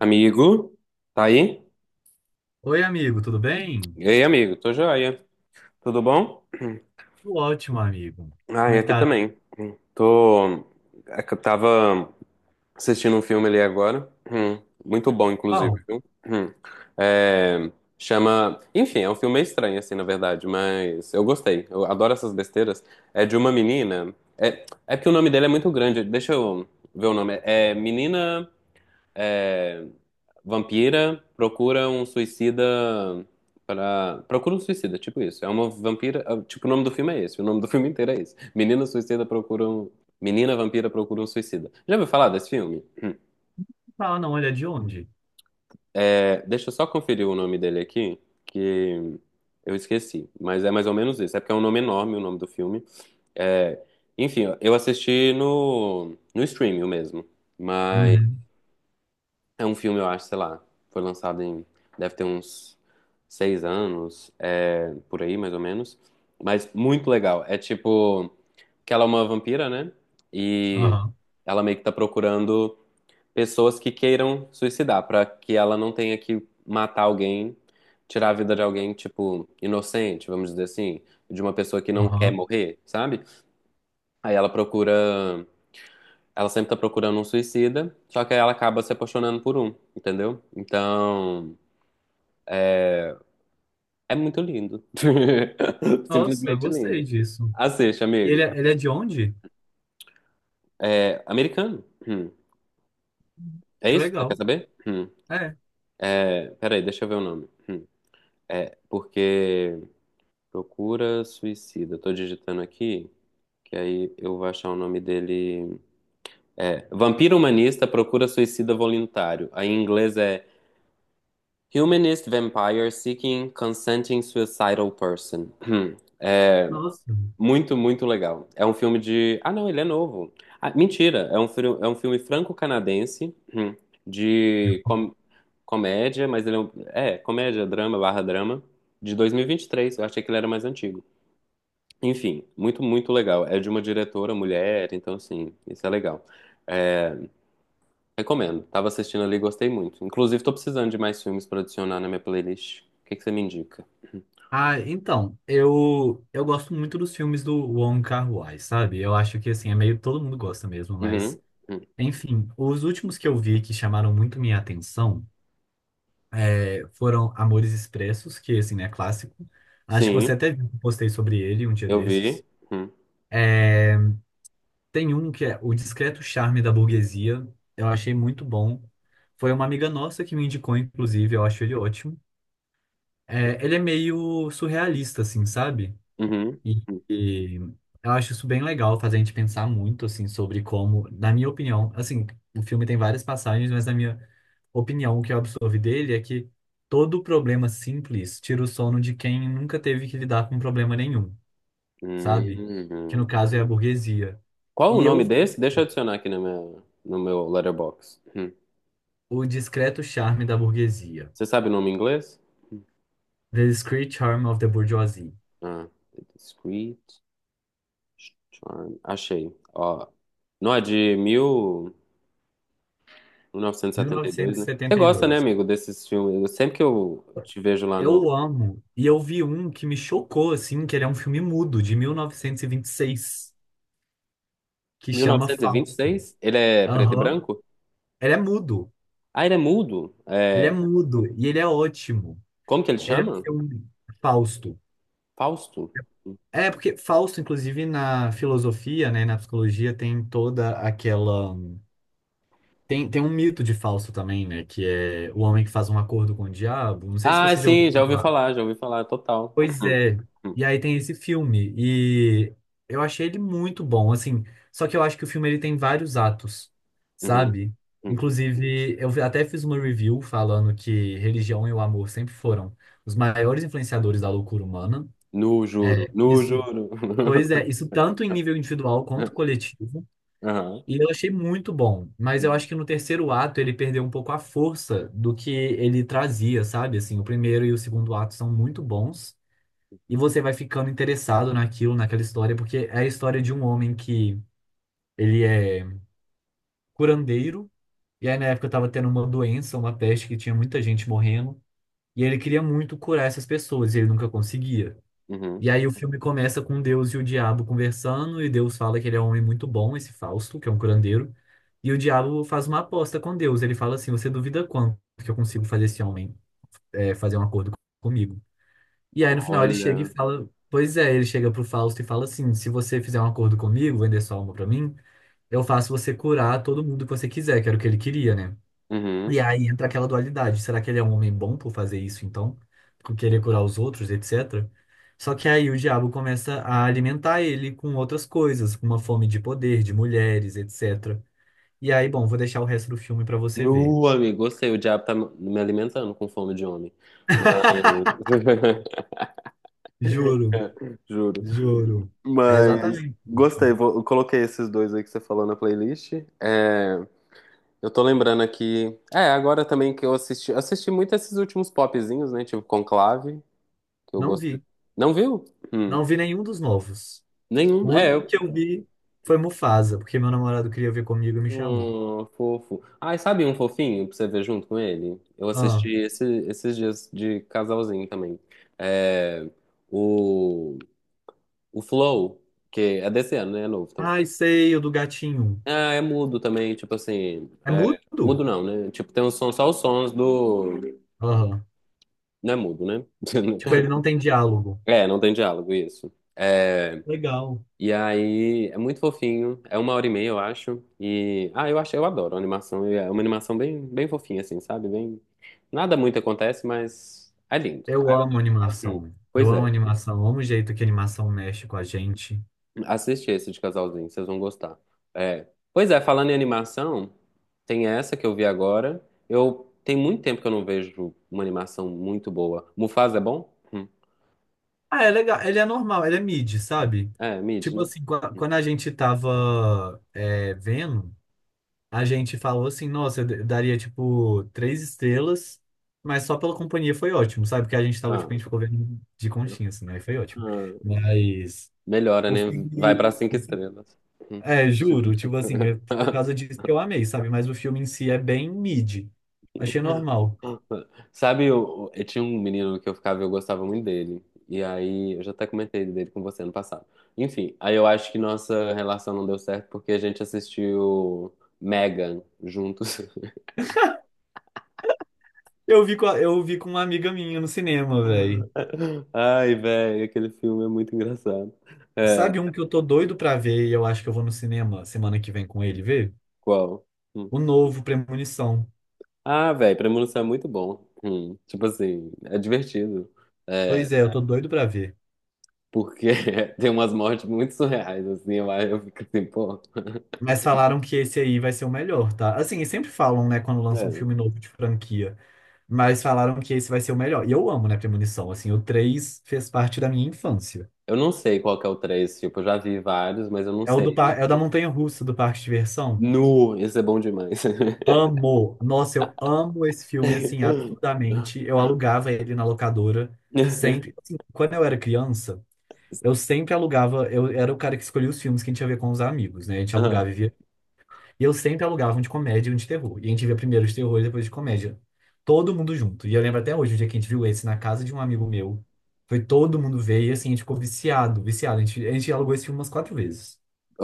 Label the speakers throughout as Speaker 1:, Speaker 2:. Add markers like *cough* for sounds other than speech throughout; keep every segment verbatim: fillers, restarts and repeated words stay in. Speaker 1: Amigo, tá aí?
Speaker 2: Oi, amigo, tudo bem?
Speaker 1: E aí, amigo, tô joia. Tudo bom? *clears throat*
Speaker 2: Tudo ótimo, amigo.
Speaker 1: Ah,
Speaker 2: Como
Speaker 1: e
Speaker 2: é que
Speaker 1: aqui
Speaker 2: tá?
Speaker 1: também. Tô. É que Eu tava assistindo um filme ali agora. Hum, Muito bom, inclusive,
Speaker 2: Qual?
Speaker 1: viu? Hum. É, Chama. Enfim, é um filme meio estranho, assim, na verdade, mas eu gostei. Eu adoro essas besteiras. É de uma menina. É, é porque o nome dele é muito grande. Deixa eu ver o nome. É Menina. é, Vampira procura um suicida para. Procura um suicida, tipo isso. É uma vampira. ah, Tipo, o nome do filme é esse. O nome do filme inteiro é esse. Menina suicida procura um. Menina vampira procura um suicida. Já ouviu falar desse filme?
Speaker 2: Tá, não, ele é de onde?
Speaker 1: É, deixa eu só conferir o nome dele aqui, que eu esqueci. Mas é mais ou menos isso. É porque é um nome enorme o nome do filme. É, enfim, eu assisti no, no streaming mesmo. Mas.
Speaker 2: Uhum.
Speaker 1: É um filme, eu acho, sei lá. Foi lançado em. Deve ter uns seis anos, é, por aí, mais ou menos. Mas muito legal. É tipo. Que ela é uma vampira, né? E
Speaker 2: Aham,
Speaker 1: ela meio que tá procurando pessoas que queiram suicidar, pra que ela não tenha que matar alguém, tirar a vida de alguém, tipo, inocente, vamos dizer assim, de uma pessoa que não quer
Speaker 2: aham.
Speaker 1: morrer, sabe? Aí ela procura ela sempre tá procurando um suicida, só que aí ela acaba se apaixonando por um, entendeu? Então, é muito lindo. *laughs*
Speaker 2: Nossa, eu
Speaker 1: Simplesmente
Speaker 2: gostei
Speaker 1: lindo.
Speaker 2: disso.
Speaker 1: Assiste,
Speaker 2: E ele,
Speaker 1: amigo.
Speaker 2: é- ele é de onde?
Speaker 1: É americano. Hum. É
Speaker 2: Que
Speaker 1: isso? que Você quer
Speaker 2: legal.
Speaker 1: saber? Hum.
Speaker 2: É,
Speaker 1: É, peraí, deixa eu ver o nome. Hum. Porque procura suicida. Tô digitando aqui, que aí eu vou achar o nome dele. É, Vampiro Humanista Procura Suicida Voluntário. Aí em inglês é Humanist Vampire Seeking Consenting Suicidal Person. *clears throat*
Speaker 2: nossa.
Speaker 1: Muito, muito legal. É um filme de. Ah, não, ele é novo. Ah, mentira, é um, fri- é um filme franco-canadense hum, de com- comédia, mas ele é, um... é comédia, drama, barra drama, de dois mil e e vinte e três. Eu achei que ele era mais antigo. Enfim, muito, muito legal. É de uma diretora mulher, então, assim, isso é legal. É, recomendo. Tava assistindo ali e gostei muito. Inclusive, tô precisando de mais filmes pra adicionar na minha playlist. O que que você me indica?
Speaker 2: Ah, então, eu, eu gosto muito dos filmes do Wong Kar-wai, sabe? Eu acho que, assim, é meio todo mundo gosta mesmo, mas.
Speaker 1: Uhum. Uhum.
Speaker 2: Enfim, os últimos que eu vi que chamaram muito minha atenção eh, foram Amores Expressos, que, assim, é clássico. Acho que você
Speaker 1: Sim,
Speaker 2: até viu que eu postei sobre ele um dia
Speaker 1: eu vi.
Speaker 2: desses.
Speaker 1: Uhum.
Speaker 2: Tem um que é O Discreto Charme da Burguesia. Eu achei muito bom. Foi uma amiga nossa que me indicou, inclusive, eu acho ele ótimo. É, ele é meio surrealista, assim, sabe?
Speaker 1: Uhum.
Speaker 2: E,
Speaker 1: Uhum.
Speaker 2: e eu acho isso bem legal, faz a gente pensar muito, assim, sobre como, na minha opinião, assim, o filme tem várias passagens, mas na minha opinião, o que eu absorvi dele é que todo problema simples tira o sono de quem nunca teve que lidar com problema nenhum, sabe? Que
Speaker 1: Hum.
Speaker 2: no caso é a burguesia.
Speaker 1: Qual o
Speaker 2: E eu
Speaker 1: nome
Speaker 2: vi
Speaker 1: desse? Deixa eu adicionar aqui no meu no meu letterbox. Hum.
Speaker 2: O Discreto Charme da Burguesia.
Speaker 1: Você sabe o nome em inglês?
Speaker 2: The Discreet Charm of the Bourgeoisie.
Speaker 1: Ah, The Discreet Charm. Achei. Ó, não é de mil novecentos e setenta e dois, né? Você gosta, né,
Speaker 2: mil novecentos e setenta e dois.
Speaker 1: amigo, desses filmes? Eu- sempre que eu te vejo lá no
Speaker 2: Eu amo. E eu vi um que me chocou, assim, que ele é um filme mudo, de mil novecentos e vinte e seis, que chama Fausto.
Speaker 1: mil novecentos e vinte e seis, ele é preto e
Speaker 2: Aham.
Speaker 1: branco?
Speaker 2: Ele é mudo.
Speaker 1: Ah, ele é mudo.
Speaker 2: Ele é
Speaker 1: É,
Speaker 2: mudo. E ele é ótimo.
Speaker 1: como que ele
Speaker 2: Ele é um
Speaker 1: chama?
Speaker 2: filme Fausto.
Speaker 1: Fausto.
Speaker 2: É, porque Fausto, inclusive, na filosofia, né, na psicologia, tem toda aquela Tem, tem um mito de Fausto também, né? Que é o homem que faz um acordo com o diabo. Não sei se
Speaker 1: Ah,
Speaker 2: você já ouviu
Speaker 1: sim, já ouvi
Speaker 2: falar.
Speaker 1: falar, já ouvi falar, total.
Speaker 2: Pois
Speaker 1: Hum,
Speaker 2: é.
Speaker 1: hum,
Speaker 2: E aí tem esse filme. E eu achei ele muito bom, assim. Só que eu acho que o filme ele tem vários atos,
Speaker 1: uhum,
Speaker 2: sabe?
Speaker 1: hum.
Speaker 2: Inclusive, eu até fiz uma review falando que religião e o amor sempre foram os maiores influenciadores da loucura humana.
Speaker 1: No juro,
Speaker 2: É,
Speaker 1: no
Speaker 2: isso,
Speaker 1: juro.
Speaker 2: pois é, isso tanto em nível individual quanto
Speaker 1: *laughs*
Speaker 2: coletivo.
Speaker 1: Aham.
Speaker 2: E eu achei muito bom, mas eu
Speaker 1: Uhum.
Speaker 2: acho que no terceiro ato ele perdeu um pouco a força do que ele trazia, sabe? Assim, o primeiro e o segundo ato são muito bons e você vai ficando interessado naquilo, naquela história, porque é a história de um homem que ele é curandeiro e aí na época tava tendo uma doença, uma peste que tinha muita gente morrendo e ele queria muito curar essas pessoas e ele nunca conseguia.
Speaker 1: Uhum.
Speaker 2: E aí o filme começa com Deus e o diabo conversando, e Deus fala que ele é um homem muito bom, esse Fausto, que é um curandeiro. E o diabo faz uma aposta com Deus. Ele fala assim: você duvida quanto que eu consigo fazer esse homem é, fazer um acordo comigo? E aí no final ele chega e
Speaker 1: Olha.
Speaker 2: fala: pois é, ele chega pro Fausto e fala assim: se você fizer um acordo comigo, vender sua alma pra mim, eu faço você curar todo mundo que você quiser, que era o que ele queria, né?
Speaker 1: Uhum.
Speaker 2: E aí entra aquela dualidade. Será que ele é um homem bom por fazer isso, então? Por querer curar os outros, etcétera. Só que aí o diabo começa a alimentar ele com outras coisas, com uma fome de poder, de mulheres, etcétera. E aí, bom, vou deixar o resto do filme pra você ver.
Speaker 1: Nu, amigo, gostei. O diabo tá me me alimentando com fome de homem. Mas. *laughs*
Speaker 2: Juro,
Speaker 1: Juro.
Speaker 2: juro. É
Speaker 1: Mas.
Speaker 2: exatamente isso.
Speaker 1: Gostei, vou- eu coloquei esses dois aí que você falou na playlist. Eu tô lembrando aqui. É, agora também que eu assisti. Assisti muito esses últimos popzinhos, né? Tipo Conclave, que eu
Speaker 2: Não
Speaker 1: gostei.
Speaker 2: vi.
Speaker 1: Não viu? Hum.
Speaker 2: Não vi nenhum dos novos.
Speaker 1: Nenhum.
Speaker 2: O
Speaker 1: É,
Speaker 2: único
Speaker 1: eu
Speaker 2: que eu vi foi Mufasa, porque meu namorado queria ver comigo e me chamou.
Speaker 1: Hum, fofo. Ai, sabe um fofinho pra você ver junto com ele? Eu assisti
Speaker 2: Ah,
Speaker 1: esse- esses dias de casalzinho também. É, o, o Flow, que é desse ano, né? É novo também.
Speaker 2: ai, sei, o do gatinho.
Speaker 1: Ah, é mudo também, tipo assim.
Speaker 2: É
Speaker 1: É,
Speaker 2: mudo?
Speaker 1: mudo não, né? Tipo, tem um som, só os sons do.
Speaker 2: Aham.
Speaker 1: Não é mudo, né?
Speaker 2: Tipo,
Speaker 1: *laughs*
Speaker 2: ele não tem diálogo.
Speaker 1: É, não tem diálogo, isso. É,
Speaker 2: Legal.
Speaker 1: e aí é muito fofinho, é uma hora e meia, eu acho. E ah, eu acho, eu adoro a animação. É uma animação bem, bem fofinha, assim, sabe? Bem, nada muito acontece, mas é lindo. Ah,
Speaker 2: Eu
Speaker 1: eu
Speaker 2: amo
Speaker 1: adoro. Hum,
Speaker 2: animação. Eu
Speaker 1: Pois
Speaker 2: amo
Speaker 1: é,
Speaker 2: animação. Eu amo o jeito que a animação mexe com a gente.
Speaker 1: assiste esse de casalzinho, vocês vão gostar. É. Pois é, falando em animação, tem essa que eu vi agora. Eu tem muito tempo que eu não vejo uma animação muito boa. Mufasa é bom? Hum.
Speaker 2: Ah, é legal. Ele é normal, ele é mid, sabe?
Speaker 1: É, mid,
Speaker 2: Tipo
Speaker 1: né?
Speaker 2: assim, qua- quando a gente tava é, vendo, a gente falou assim, nossa, eu d- daria tipo três estrelas, mas só pela companhia foi ótimo, sabe? Porque a gente tava, tipo, a
Speaker 1: Ah,
Speaker 2: gente ficou vendo de conchinha, assim, né? Aí foi ótimo.
Speaker 1: ah,
Speaker 2: Mas
Speaker 1: melhora,
Speaker 2: o
Speaker 1: né? Vai
Speaker 2: filme.
Speaker 1: pra cinco estrelas. Hum.
Speaker 2: É, juro, tipo assim, é por
Speaker 1: *laughs*
Speaker 2: causa disso que eu amei, sabe? Mas o filme em si é bem mid. Achei normal.
Speaker 1: Sabe, eu, eu tinha um menino que eu ficava e eu gostava muito dele. E aí, eu já até comentei dele com você ano passado. Enfim, aí eu acho que nossa relação não deu certo porque a gente assistiu Megan juntos.
Speaker 2: Eu vi com a- eu vi com uma amiga minha no cinema, velho.
Speaker 1: *laughs* Ai, velho, aquele filme é muito engraçado. É,
Speaker 2: Sabe um que eu tô doido pra ver e eu acho que eu vou no cinema semana que vem com ele ver?
Speaker 1: qual? Hum.
Speaker 2: O novo Premonição.
Speaker 1: Ah, velho, Premonição é muito bom. Hum, tipo assim, é divertido. É,
Speaker 2: Pois é, eu tô doido pra ver.
Speaker 1: porque *laughs* tem umas mortes muito surreais, assim, eu, eu fico assim, pô. *laughs*
Speaker 2: Mas falaram que esse aí vai ser o melhor, tá? Assim, eles sempre falam, né, quando lançam um filme
Speaker 1: É.
Speaker 2: novo de franquia. Mas falaram que esse vai ser o melhor. E eu amo, né, Premonição. Assim, o três fez parte da minha infância.
Speaker 1: Eu não sei qual que é o três tipo, eu já vi vários, mas eu não
Speaker 2: É o, do,
Speaker 1: sei.
Speaker 2: par- é o da
Speaker 1: Tipo,
Speaker 2: Montanha-Russa, do Parque de Diversão.
Speaker 1: nu, esse é bom demais. *laughs*
Speaker 2: Amo. Nossa, eu amo esse filme, assim, absurdamente. Eu alugava ele na locadora sempre. Assim, quando eu era criança, eu sempre alugava. Eu era o cara que escolhia os filmes que a gente ia ver com os amigos, né? A gente
Speaker 1: Ah,
Speaker 2: alugava e via. E eu sempre alugava um de comédia e um de terror. E a gente via primeiro de terror e depois de comédia. Todo mundo junto. E eu lembro até hoje, o dia que a gente viu esse na casa de um amigo meu. Foi todo mundo ver e, assim, a gente ficou viciado, viciado. A gente, a gente alugou esse filme umas quatro vezes.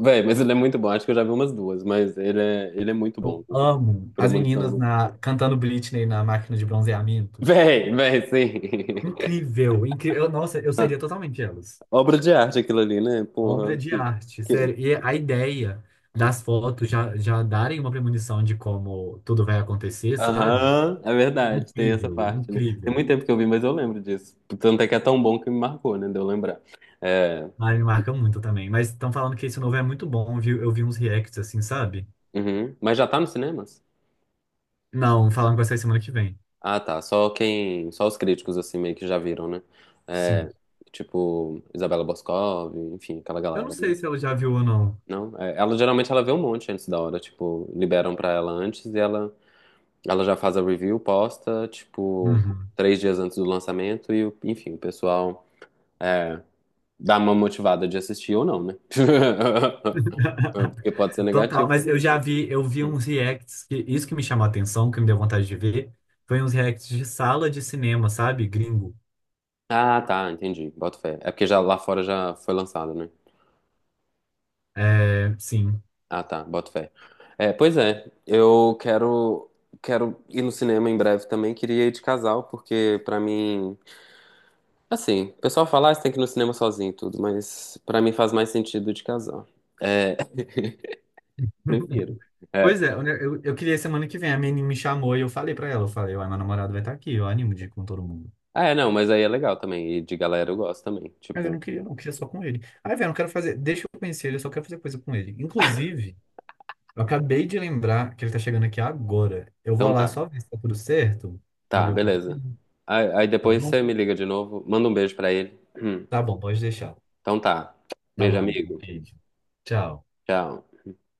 Speaker 1: véi, mas ele é muito bom, acho que eu já vi umas duas, mas ele é, ele é muito bom.
Speaker 2: Eu
Speaker 1: O
Speaker 2: amo as meninas
Speaker 1: Premonição.
Speaker 2: na, cantando Britney na máquina de bronzeamento.
Speaker 1: Véi, véi, sim.
Speaker 2: Incrível, incrível. Eu- Nossa, eu seria
Speaker 1: *laughs*
Speaker 2: totalmente elas.
Speaker 1: Obra de arte aquilo ali, né?
Speaker 2: Obra
Speaker 1: Porra,
Speaker 2: de
Speaker 1: que,
Speaker 2: arte, sério.
Speaker 1: que,
Speaker 2: E a ideia das fotos já, já darem uma premonição de como tudo vai acontecer, sabe?
Speaker 1: aham, é verdade, tem essa
Speaker 2: Incrível,
Speaker 1: parte, né? Tem
Speaker 2: incrível.
Speaker 1: muito tempo que eu vi, mas eu lembro disso. Tanto é que é tão bom que me marcou, né? De eu lembrar. É,
Speaker 2: Ah, me marca muito também. Mas estão falando que esse novo é muito bom, viu? Eu vi uns reacts assim, sabe?
Speaker 1: uhum. Mas já tá nos cinemas?
Speaker 2: Não, falando que vai sair semana que vem.
Speaker 1: Ah, tá. Só quem. Só os críticos, assim, meio que já viram, né?
Speaker 2: Sim.
Speaker 1: É, tipo, Isabela Boscov, enfim, aquela
Speaker 2: Eu não
Speaker 1: galera, né?
Speaker 2: sei se ela já viu ou não.
Speaker 1: Não? É, ela geralmente ela vê um monte antes da hora, tipo, liberam pra ela antes e ela, ela já faz a review, posta, tipo,
Speaker 2: Uhum.
Speaker 1: três dias antes do lançamento, e o- enfim, o pessoal. É, dá uma motivada de assistir ou não, né? *laughs* Porque pode ser
Speaker 2: *laughs* Total,
Speaker 1: negativo
Speaker 2: mas
Speaker 1: também.
Speaker 2: eu já vi, eu vi
Speaker 1: Hum.
Speaker 2: uns reacts que isso que me chamou a atenção, que me deu vontade de ver, foi uns reacts de sala de cinema, sabe? Gringo.
Speaker 1: Ah, tá, entendi. Boto fé. É porque já lá fora já foi lançado, né?
Speaker 2: É, sim.
Speaker 1: Ah, tá, boto fé. É, pois é, eu quero quero ir no cinema em breve também. Queria ir de casal, porque pra mim, assim, o pessoal fala, ah, você tem que ir no cinema sozinho e tudo, mas pra mim faz mais sentido de casal. É, *laughs* prefiro.
Speaker 2: *laughs* Pois
Speaker 1: É.
Speaker 2: é, eu, eu eu queria semana que vem, a menina me chamou e eu falei pra ela, eu falei, uai, meu namorado vai estar aqui, eu animo de ir com todo mundo.
Speaker 1: Ah, é, não, mas aí é legal também. E de galera eu gosto também.
Speaker 2: Mas eu
Speaker 1: Tipo,
Speaker 2: não queria, não queria só com ele. Ai, velho, eu não quero fazer, deixa eu conhecer ele, eu só quero fazer coisa com ele. Inclusive, eu acabei de lembrar que ele tá chegando aqui agora. Eu vou
Speaker 1: então
Speaker 2: lá
Speaker 1: tá.
Speaker 2: só ver se tá tudo certo,
Speaker 1: Tá,
Speaker 2: abrir o portão,
Speaker 1: beleza. Aí, aí
Speaker 2: tá
Speaker 1: depois
Speaker 2: bom?
Speaker 1: você me liga de novo, manda um beijo pra ele. *clears throat*
Speaker 2: Tá bom, pode deixar.
Speaker 1: Então tá.
Speaker 2: Tá
Speaker 1: Beijo,
Speaker 2: bom, um
Speaker 1: amigo.
Speaker 2: beijo. Tchau.
Speaker 1: Tchau.